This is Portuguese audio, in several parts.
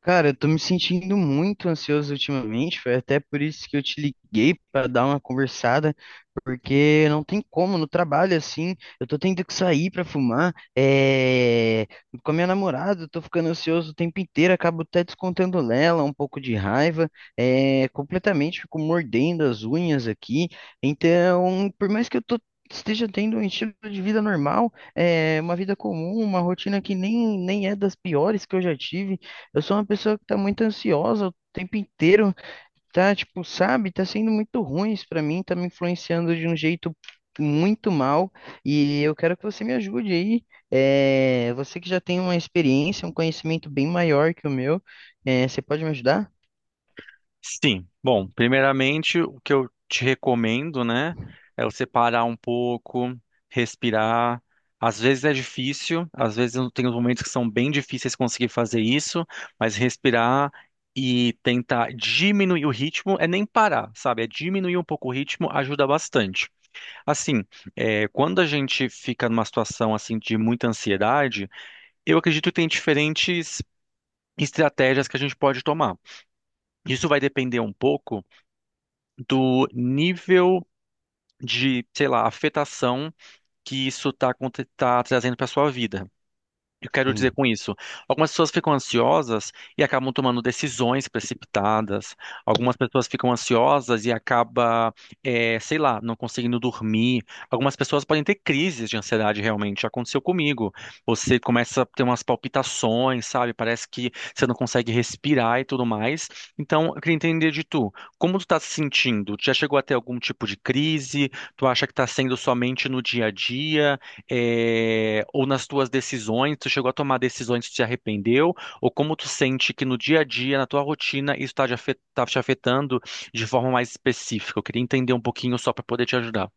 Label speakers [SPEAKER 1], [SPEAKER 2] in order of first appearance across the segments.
[SPEAKER 1] Cara, eu tô me sentindo muito ansioso ultimamente, foi até por isso que eu te liguei para dar uma conversada, porque não tem como no trabalho assim, eu tô tendo que sair para fumar, com a minha namorada, eu tô ficando ansioso o tempo inteiro, acabo até descontando nela um pouco de raiva, completamente fico mordendo as unhas aqui, então, por mais que eu tô esteja tendo um estilo de vida normal, é uma vida comum, uma rotina que nem é das piores que eu já tive. Eu sou uma pessoa que tá muito ansiosa o tempo inteiro, tá, tipo, sabe, tá sendo muito ruim isso pra mim, tá me influenciando de um jeito muito mal e eu quero que você me ajude aí. Você que já tem uma experiência, um conhecimento bem maior que o meu, você pode me ajudar?
[SPEAKER 2] Sim. Bom, primeiramente, o que eu te recomendo, né, é você parar um pouco, respirar. Às vezes é difícil, às vezes eu tenho momentos que são bem difíceis conseguir fazer isso, mas respirar e tentar diminuir o ritmo é nem parar, sabe? É diminuir um pouco o ritmo ajuda bastante. Assim, quando a gente fica numa situação assim de muita ansiedade, eu acredito que tem diferentes estratégias que a gente pode tomar. Isso vai depender um pouco do nível de, sei lá, afetação que tá trazendo para sua vida. Eu quero dizer
[SPEAKER 1] Sim.
[SPEAKER 2] com isso, algumas pessoas ficam ansiosas e acabam tomando decisões precipitadas. Algumas pessoas ficam ansiosas e acaba, sei lá, não conseguindo dormir. Algumas pessoas podem ter crises de ansiedade realmente. Já aconteceu comigo. Você começa a ter umas palpitações, sabe? Parece que você não consegue respirar e tudo mais. Então, eu queria entender de tu, como tu tá se sentindo? Tu já chegou a ter algum tipo de crise? Tu acha que tá sendo somente no dia a dia? É, ou nas tuas decisões, tu chegou a tomar decisões que te arrependeu, ou como tu sente que no dia a dia, na tua rotina, tá te afetando de forma mais específica. Eu queria entender um pouquinho só para poder te ajudar.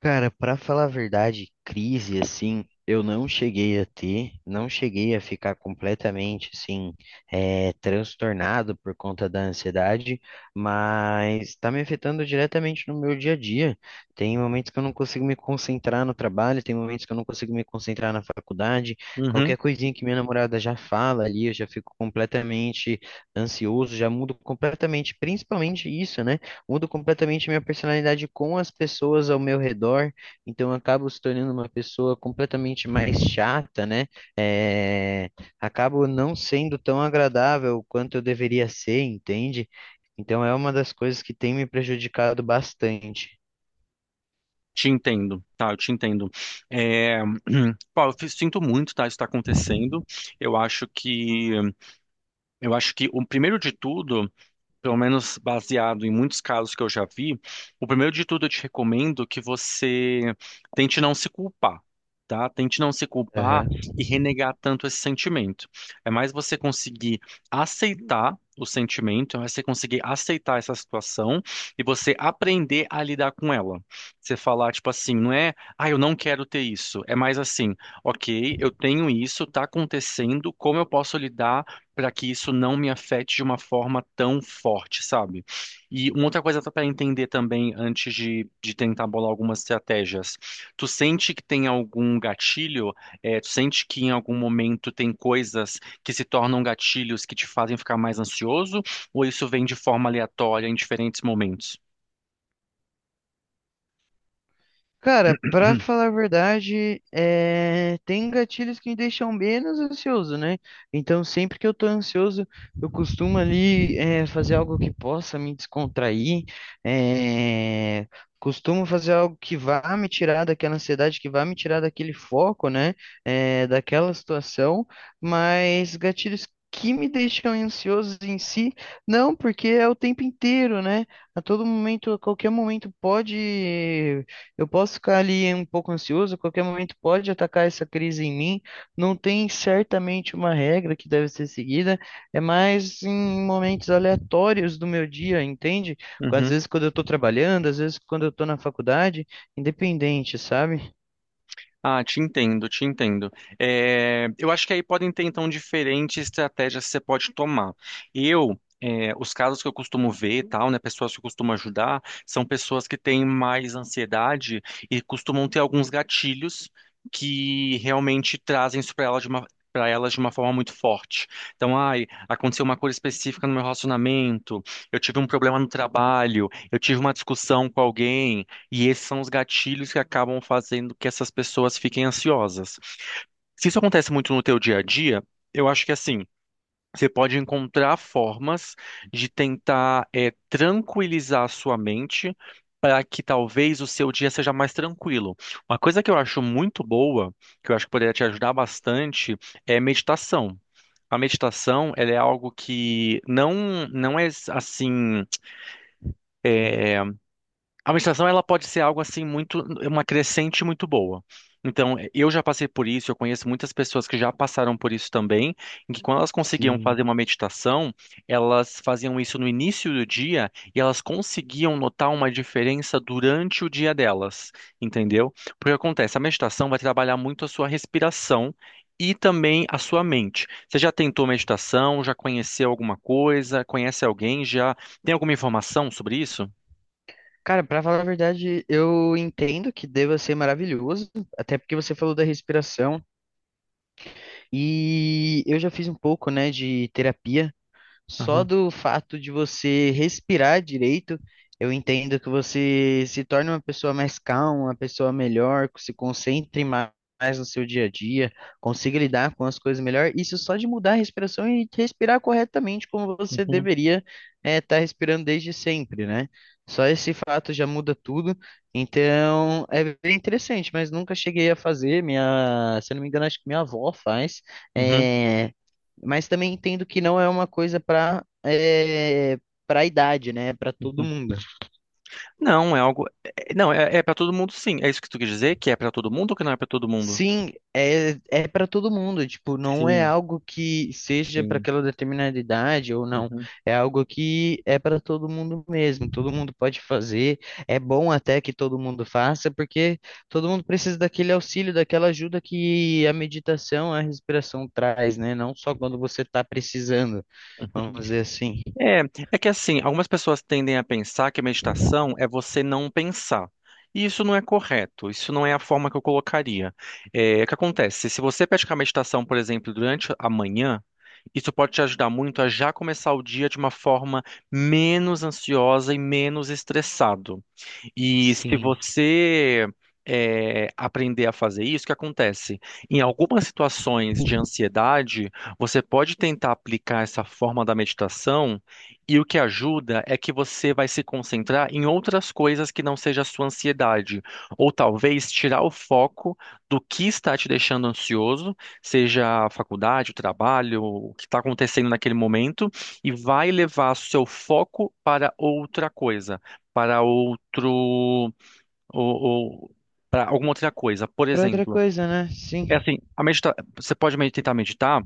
[SPEAKER 1] Cara, pra falar a verdade, crise assim, eu não cheguei a ter, não cheguei a ficar completamente assim, transtornado por conta da ansiedade, mas tá me afetando diretamente no meu dia a dia. Tem momentos que eu não consigo me concentrar no trabalho, tem momentos que eu não consigo me concentrar na faculdade.
[SPEAKER 2] Uhum,
[SPEAKER 1] Qualquer coisinha que minha namorada já fala ali, eu já fico completamente ansioso, já mudo completamente, principalmente isso, né? Mudo completamente minha personalidade com as pessoas ao meu redor, então eu acabo se tornando uma pessoa completamente mais chata, né? É, Acabo não sendo tão agradável quanto eu deveria ser, entende? Então é uma das coisas que tem me prejudicado bastante.
[SPEAKER 2] te entendo, tá? Eu te entendo. É, pô, sinto muito, tá? Isso está acontecendo. Eu acho que, eu acho que o primeiro de tudo, pelo menos baseado em muitos casos que eu já vi, o primeiro de tudo eu te recomendo que você tente não se culpar. Tá? Tente não se culpar e renegar tanto esse sentimento. É mais você conseguir aceitar o sentimento, é mais você conseguir aceitar essa situação e você aprender a lidar com ela. Você falar, tipo assim, não é, ah, eu não quero ter isso. É mais assim, ok, eu tenho isso, tá acontecendo, como eu posso lidar? Para que isso não me afete de uma forma tão forte, sabe? E uma outra coisa para entender também antes de tentar bolar algumas estratégias. Tu sente que tem algum gatilho? É, tu sente que em algum momento tem coisas que se tornam gatilhos que te fazem ficar mais ansioso? Ou isso vem de forma aleatória em diferentes momentos?
[SPEAKER 1] Cara, pra falar a verdade, é, tem gatilhos que me deixam menos ansioso, né? Então, sempre que eu tô ansioso, eu costumo ali fazer algo que possa me descontrair, é, costumo fazer algo que vá me tirar daquela ansiedade, que vá me tirar daquele foco, né? Daquela situação, mas gatilhos que me deixam ansiosos em si, não, porque é o tempo inteiro, né? A todo momento, a qualquer momento pode eu posso ficar ali um pouco ansioso, a qualquer momento pode atacar essa crise em mim. Não tem certamente uma regra que deve ser seguida, é mais em momentos aleatórios do meu dia, entende? Às
[SPEAKER 2] Uhum.
[SPEAKER 1] vezes quando eu estou trabalhando, às vezes quando eu estou na faculdade, independente, sabe?
[SPEAKER 2] Ah, te entendo, te entendo. É, eu acho que aí podem ter, então, diferentes estratégias que você pode tomar. Os casos que eu costumo ver, e tal, né, pessoas que eu costumo ajudar, são pessoas que têm mais ansiedade e costumam ter alguns gatilhos que realmente trazem isso para elas de uma forma muito forte. Então, ai, aconteceu uma coisa específica no meu relacionamento, eu tive um problema no trabalho, eu tive uma discussão com alguém, e esses são os gatilhos que acabam fazendo que essas pessoas fiquem ansiosas. Se isso acontece muito no teu dia a dia, eu acho que assim, você pode encontrar formas de tentar tranquilizar a sua mente para que talvez o seu dia seja mais tranquilo. Uma coisa que eu acho muito boa, que eu acho que poderia te ajudar bastante, é meditação. A meditação, ela é algo que não não é assim A meditação ela pode ser algo assim muito uma crescente muito boa. Então, eu já passei por isso, eu conheço muitas pessoas que já passaram por isso também, em que quando elas conseguiam
[SPEAKER 1] Sim.
[SPEAKER 2] fazer uma meditação, elas faziam isso no início do dia e elas conseguiam notar uma diferença durante o dia delas, entendeu? Porque acontece, a meditação vai trabalhar muito a sua respiração e também a sua mente. Você já tentou meditação? Já conheceu alguma coisa? Conhece alguém? Já tem alguma informação sobre isso?
[SPEAKER 1] Cara, para falar a verdade, eu entendo que deva ser maravilhoso, até porque você falou da respiração e eu já fiz um pouco, né, de terapia. Só
[SPEAKER 2] Aham,
[SPEAKER 1] do fato de você respirar direito, eu entendo que você se torne uma pessoa mais calma, uma pessoa melhor, que se mais no seu dia a dia, consiga lidar com as coisas melhor. Isso só de mudar a respiração e respirar corretamente como você
[SPEAKER 2] uhum.
[SPEAKER 1] deveria estar respirando desde sempre, né? Só esse fato já muda tudo. Então, é bem interessante, mas nunca cheguei a fazer. Minha, se eu não me engano, acho que minha avó faz.
[SPEAKER 2] Uhum,
[SPEAKER 1] é mas também entendo que não é uma coisa para para idade, né? Para todo
[SPEAKER 2] uhum.
[SPEAKER 1] mundo.
[SPEAKER 2] Não, Não, é para todo mundo, sim. É isso que tu quer dizer? Que é para todo mundo ou que não é para todo mundo?
[SPEAKER 1] Sim, é, é para todo mundo. Tipo, não é
[SPEAKER 2] Sim,
[SPEAKER 1] algo que seja para
[SPEAKER 2] sim.
[SPEAKER 1] aquela determinada idade ou não.
[SPEAKER 2] Uhum.
[SPEAKER 1] É algo que é para todo mundo mesmo. Todo mundo pode fazer. É bom até que todo mundo faça, porque todo mundo precisa daquele auxílio, daquela ajuda que a meditação, a respiração traz, né? Não só quando você está precisando, vamos dizer assim.
[SPEAKER 2] É, é que assim, algumas pessoas tendem a pensar que a meditação é você não pensar. E isso não é correto, isso não é a forma que eu colocaria. É, o que acontece? Se você praticar meditação, por exemplo, durante a manhã, isso pode te ajudar muito a já começar o dia de uma forma menos ansiosa e menos estressado. E se
[SPEAKER 1] Sim.
[SPEAKER 2] você aprender a fazer isso, o que acontece? Em algumas situações de ansiedade, você pode tentar aplicar essa forma da meditação, e o que ajuda é que você vai se concentrar em outras coisas que não seja a sua ansiedade, ou talvez tirar o foco do que está te deixando ansioso, seja a faculdade, o trabalho, o que está acontecendo naquele momento, e vai levar seu foco para outra coisa para outro ou para alguma outra coisa. Por
[SPEAKER 1] Para outra
[SPEAKER 2] exemplo,
[SPEAKER 1] coisa, né?
[SPEAKER 2] é
[SPEAKER 1] Sim,
[SPEAKER 2] assim, a medita você pode tentar meditar,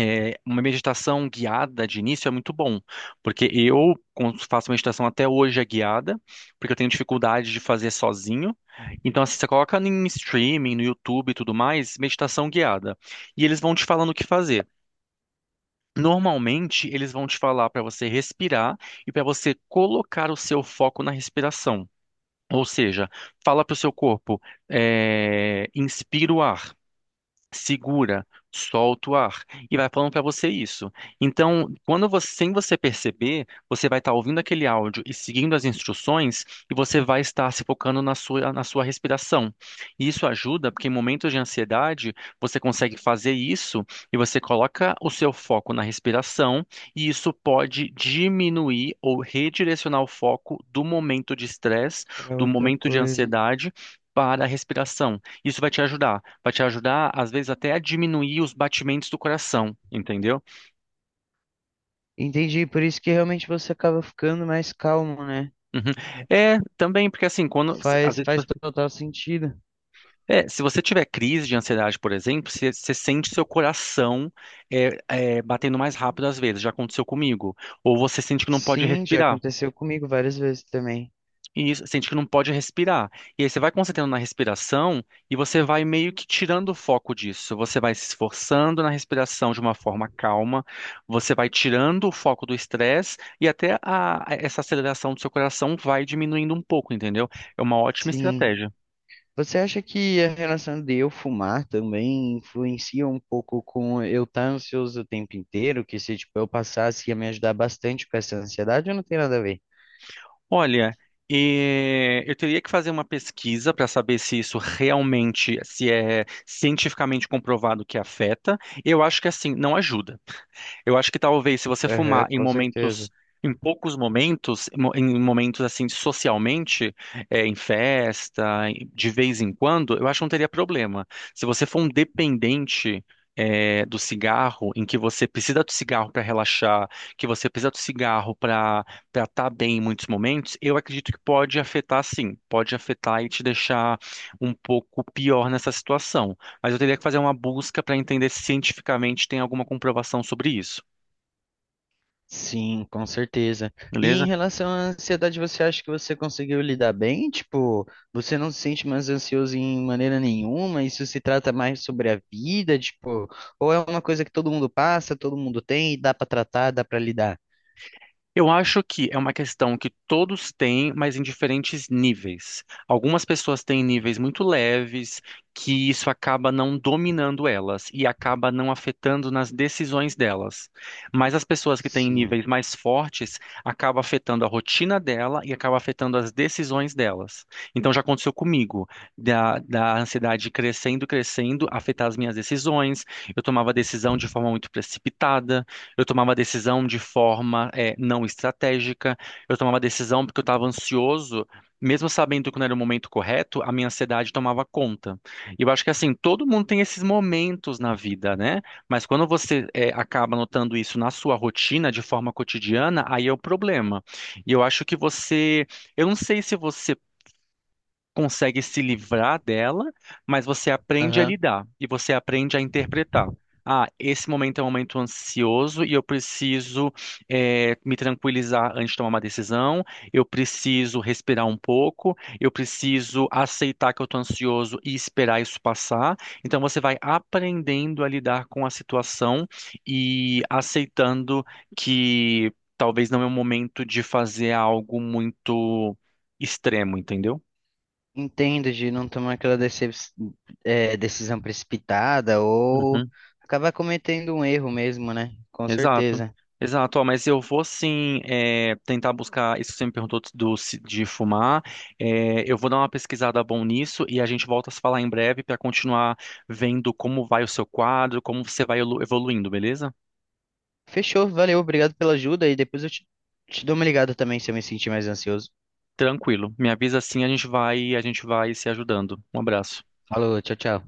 [SPEAKER 2] é, uma meditação guiada de início é muito bom, porque eu quando faço meditação até hoje é guiada, porque eu tenho dificuldade de fazer sozinho. Então, assim, você coloca em streaming, no YouTube e tudo mais, meditação guiada, e eles vão te falando o que fazer. Normalmente, eles vão te falar para você respirar e para você colocar o seu foco na respiração. Ou seja, fala para o seu corpo, inspira o ar, segura, solta o ar e vai falando para você isso. Então, quando você, sem você perceber, você vai estar ouvindo aquele áudio e seguindo as instruções e você vai estar se focando na sua respiração. E isso ajuda porque em momentos de ansiedade você consegue fazer isso e você coloca o seu foco na respiração e isso pode diminuir ou redirecionar o foco do momento de estresse,
[SPEAKER 1] para
[SPEAKER 2] do
[SPEAKER 1] outra
[SPEAKER 2] momento de
[SPEAKER 1] coisa.
[SPEAKER 2] ansiedade. Para a respiração. Isso vai te ajudar. Vai te ajudar, às vezes, até a diminuir os batimentos do coração, entendeu?
[SPEAKER 1] Entendi, por isso que realmente você acaba ficando mais calmo, né?
[SPEAKER 2] Uhum. É, também, porque assim, quando,
[SPEAKER 1] Faz, faz total sentido.
[SPEAKER 2] é, se você tiver crise de ansiedade, por exemplo, você sente seu coração batendo mais rápido às vezes, já aconteceu comigo. Ou você sente que não pode
[SPEAKER 1] Sim, já
[SPEAKER 2] respirar.
[SPEAKER 1] aconteceu comigo várias vezes também.
[SPEAKER 2] E isso, sente que não pode respirar. E aí você vai concentrando na respiração e você vai meio que tirando o foco disso. Você vai se esforçando na respiração de uma forma calma, você vai tirando o foco do estresse e essa aceleração do seu coração vai diminuindo um pouco, entendeu? É uma ótima
[SPEAKER 1] Sim.
[SPEAKER 2] estratégia.
[SPEAKER 1] Você acha que a relação de eu fumar também influencia um pouco com eu estar ansioso o tempo inteiro? Que se, tipo, eu passasse ia me ajudar bastante com essa ansiedade ou não tem nada a ver?
[SPEAKER 2] Olha, eu teria que fazer uma pesquisa para saber se isso realmente, se é cientificamente comprovado que afeta. Eu acho que assim, não ajuda. Eu acho que talvez se você
[SPEAKER 1] Aham,
[SPEAKER 2] fumar em
[SPEAKER 1] com
[SPEAKER 2] momentos,
[SPEAKER 1] certeza.
[SPEAKER 2] em poucos momentos, em momentos assim socialmente, é, em festa, em- de vez em quando, eu acho que não teria problema. Se você for um dependente do cigarro, em que você precisa do cigarro para relaxar, que você precisa do cigarro para estar bem em muitos momentos, eu acredito que pode afetar sim, pode afetar e te deixar um pouco pior nessa situação. Mas eu teria que fazer uma busca para entender se cientificamente tem alguma comprovação sobre isso,
[SPEAKER 1] Sim, com certeza. E em
[SPEAKER 2] beleza?
[SPEAKER 1] relação à ansiedade, você acha que você conseguiu lidar bem? Tipo, você não se sente mais ansioso em maneira nenhuma? Isso se trata mais sobre a vida, tipo, ou é uma coisa que todo mundo passa, todo mundo tem e dá pra tratar, dá pra lidar?
[SPEAKER 2] Eu acho que é uma questão que todos têm, mas em diferentes níveis. Algumas pessoas têm níveis muito leves, que isso acaba não dominando elas e acaba não afetando nas decisões delas. Mas as pessoas que têm
[SPEAKER 1] Sim.
[SPEAKER 2] níveis mais fortes acaba afetando a rotina dela e acaba afetando as decisões delas. Então já aconteceu comigo, da ansiedade crescendo, crescendo, afetar as minhas decisões. Eu tomava decisão de forma muito precipitada, eu tomava decisão de forma não estratégica, eu tomava decisão porque eu estava ansioso, mesmo sabendo que não era o momento correto, a minha ansiedade tomava conta. E eu acho que assim, todo mundo tem esses momentos na vida, né? Mas quando você acaba notando isso na sua rotina, de forma cotidiana, aí é o problema. E eu acho que você. Eu não sei se você consegue se livrar dela, mas você aprende a
[SPEAKER 1] Aham.
[SPEAKER 2] lidar e você aprende a interpretar. Ah, esse momento é um momento ansioso e eu preciso me tranquilizar antes de tomar uma decisão. Eu preciso respirar um pouco. Eu preciso aceitar que eu estou ansioso e esperar isso passar. Então você vai aprendendo a lidar com a situação e aceitando que talvez não é o momento de fazer algo muito extremo, entendeu?
[SPEAKER 1] Entendo de não tomar aquela é, decisão precipitada ou
[SPEAKER 2] Uhum.
[SPEAKER 1] acabar cometendo um erro mesmo, né? Com
[SPEAKER 2] Exato.
[SPEAKER 1] certeza.
[SPEAKER 2] Exato, ó, mas eu vou sim tentar buscar isso que você me perguntou de fumar. É, eu vou dar uma pesquisada bom nisso e a gente volta a se falar em breve para continuar vendo como vai o seu quadro, como você vai evoluindo, beleza?
[SPEAKER 1] Fechou, valeu, obrigado pela ajuda e depois eu te, te dou uma ligada também se eu me sentir mais ansioso.
[SPEAKER 2] Tranquilo. Me avisa assim, a gente vai se ajudando. Um abraço.
[SPEAKER 1] Falou, tchau, tchau.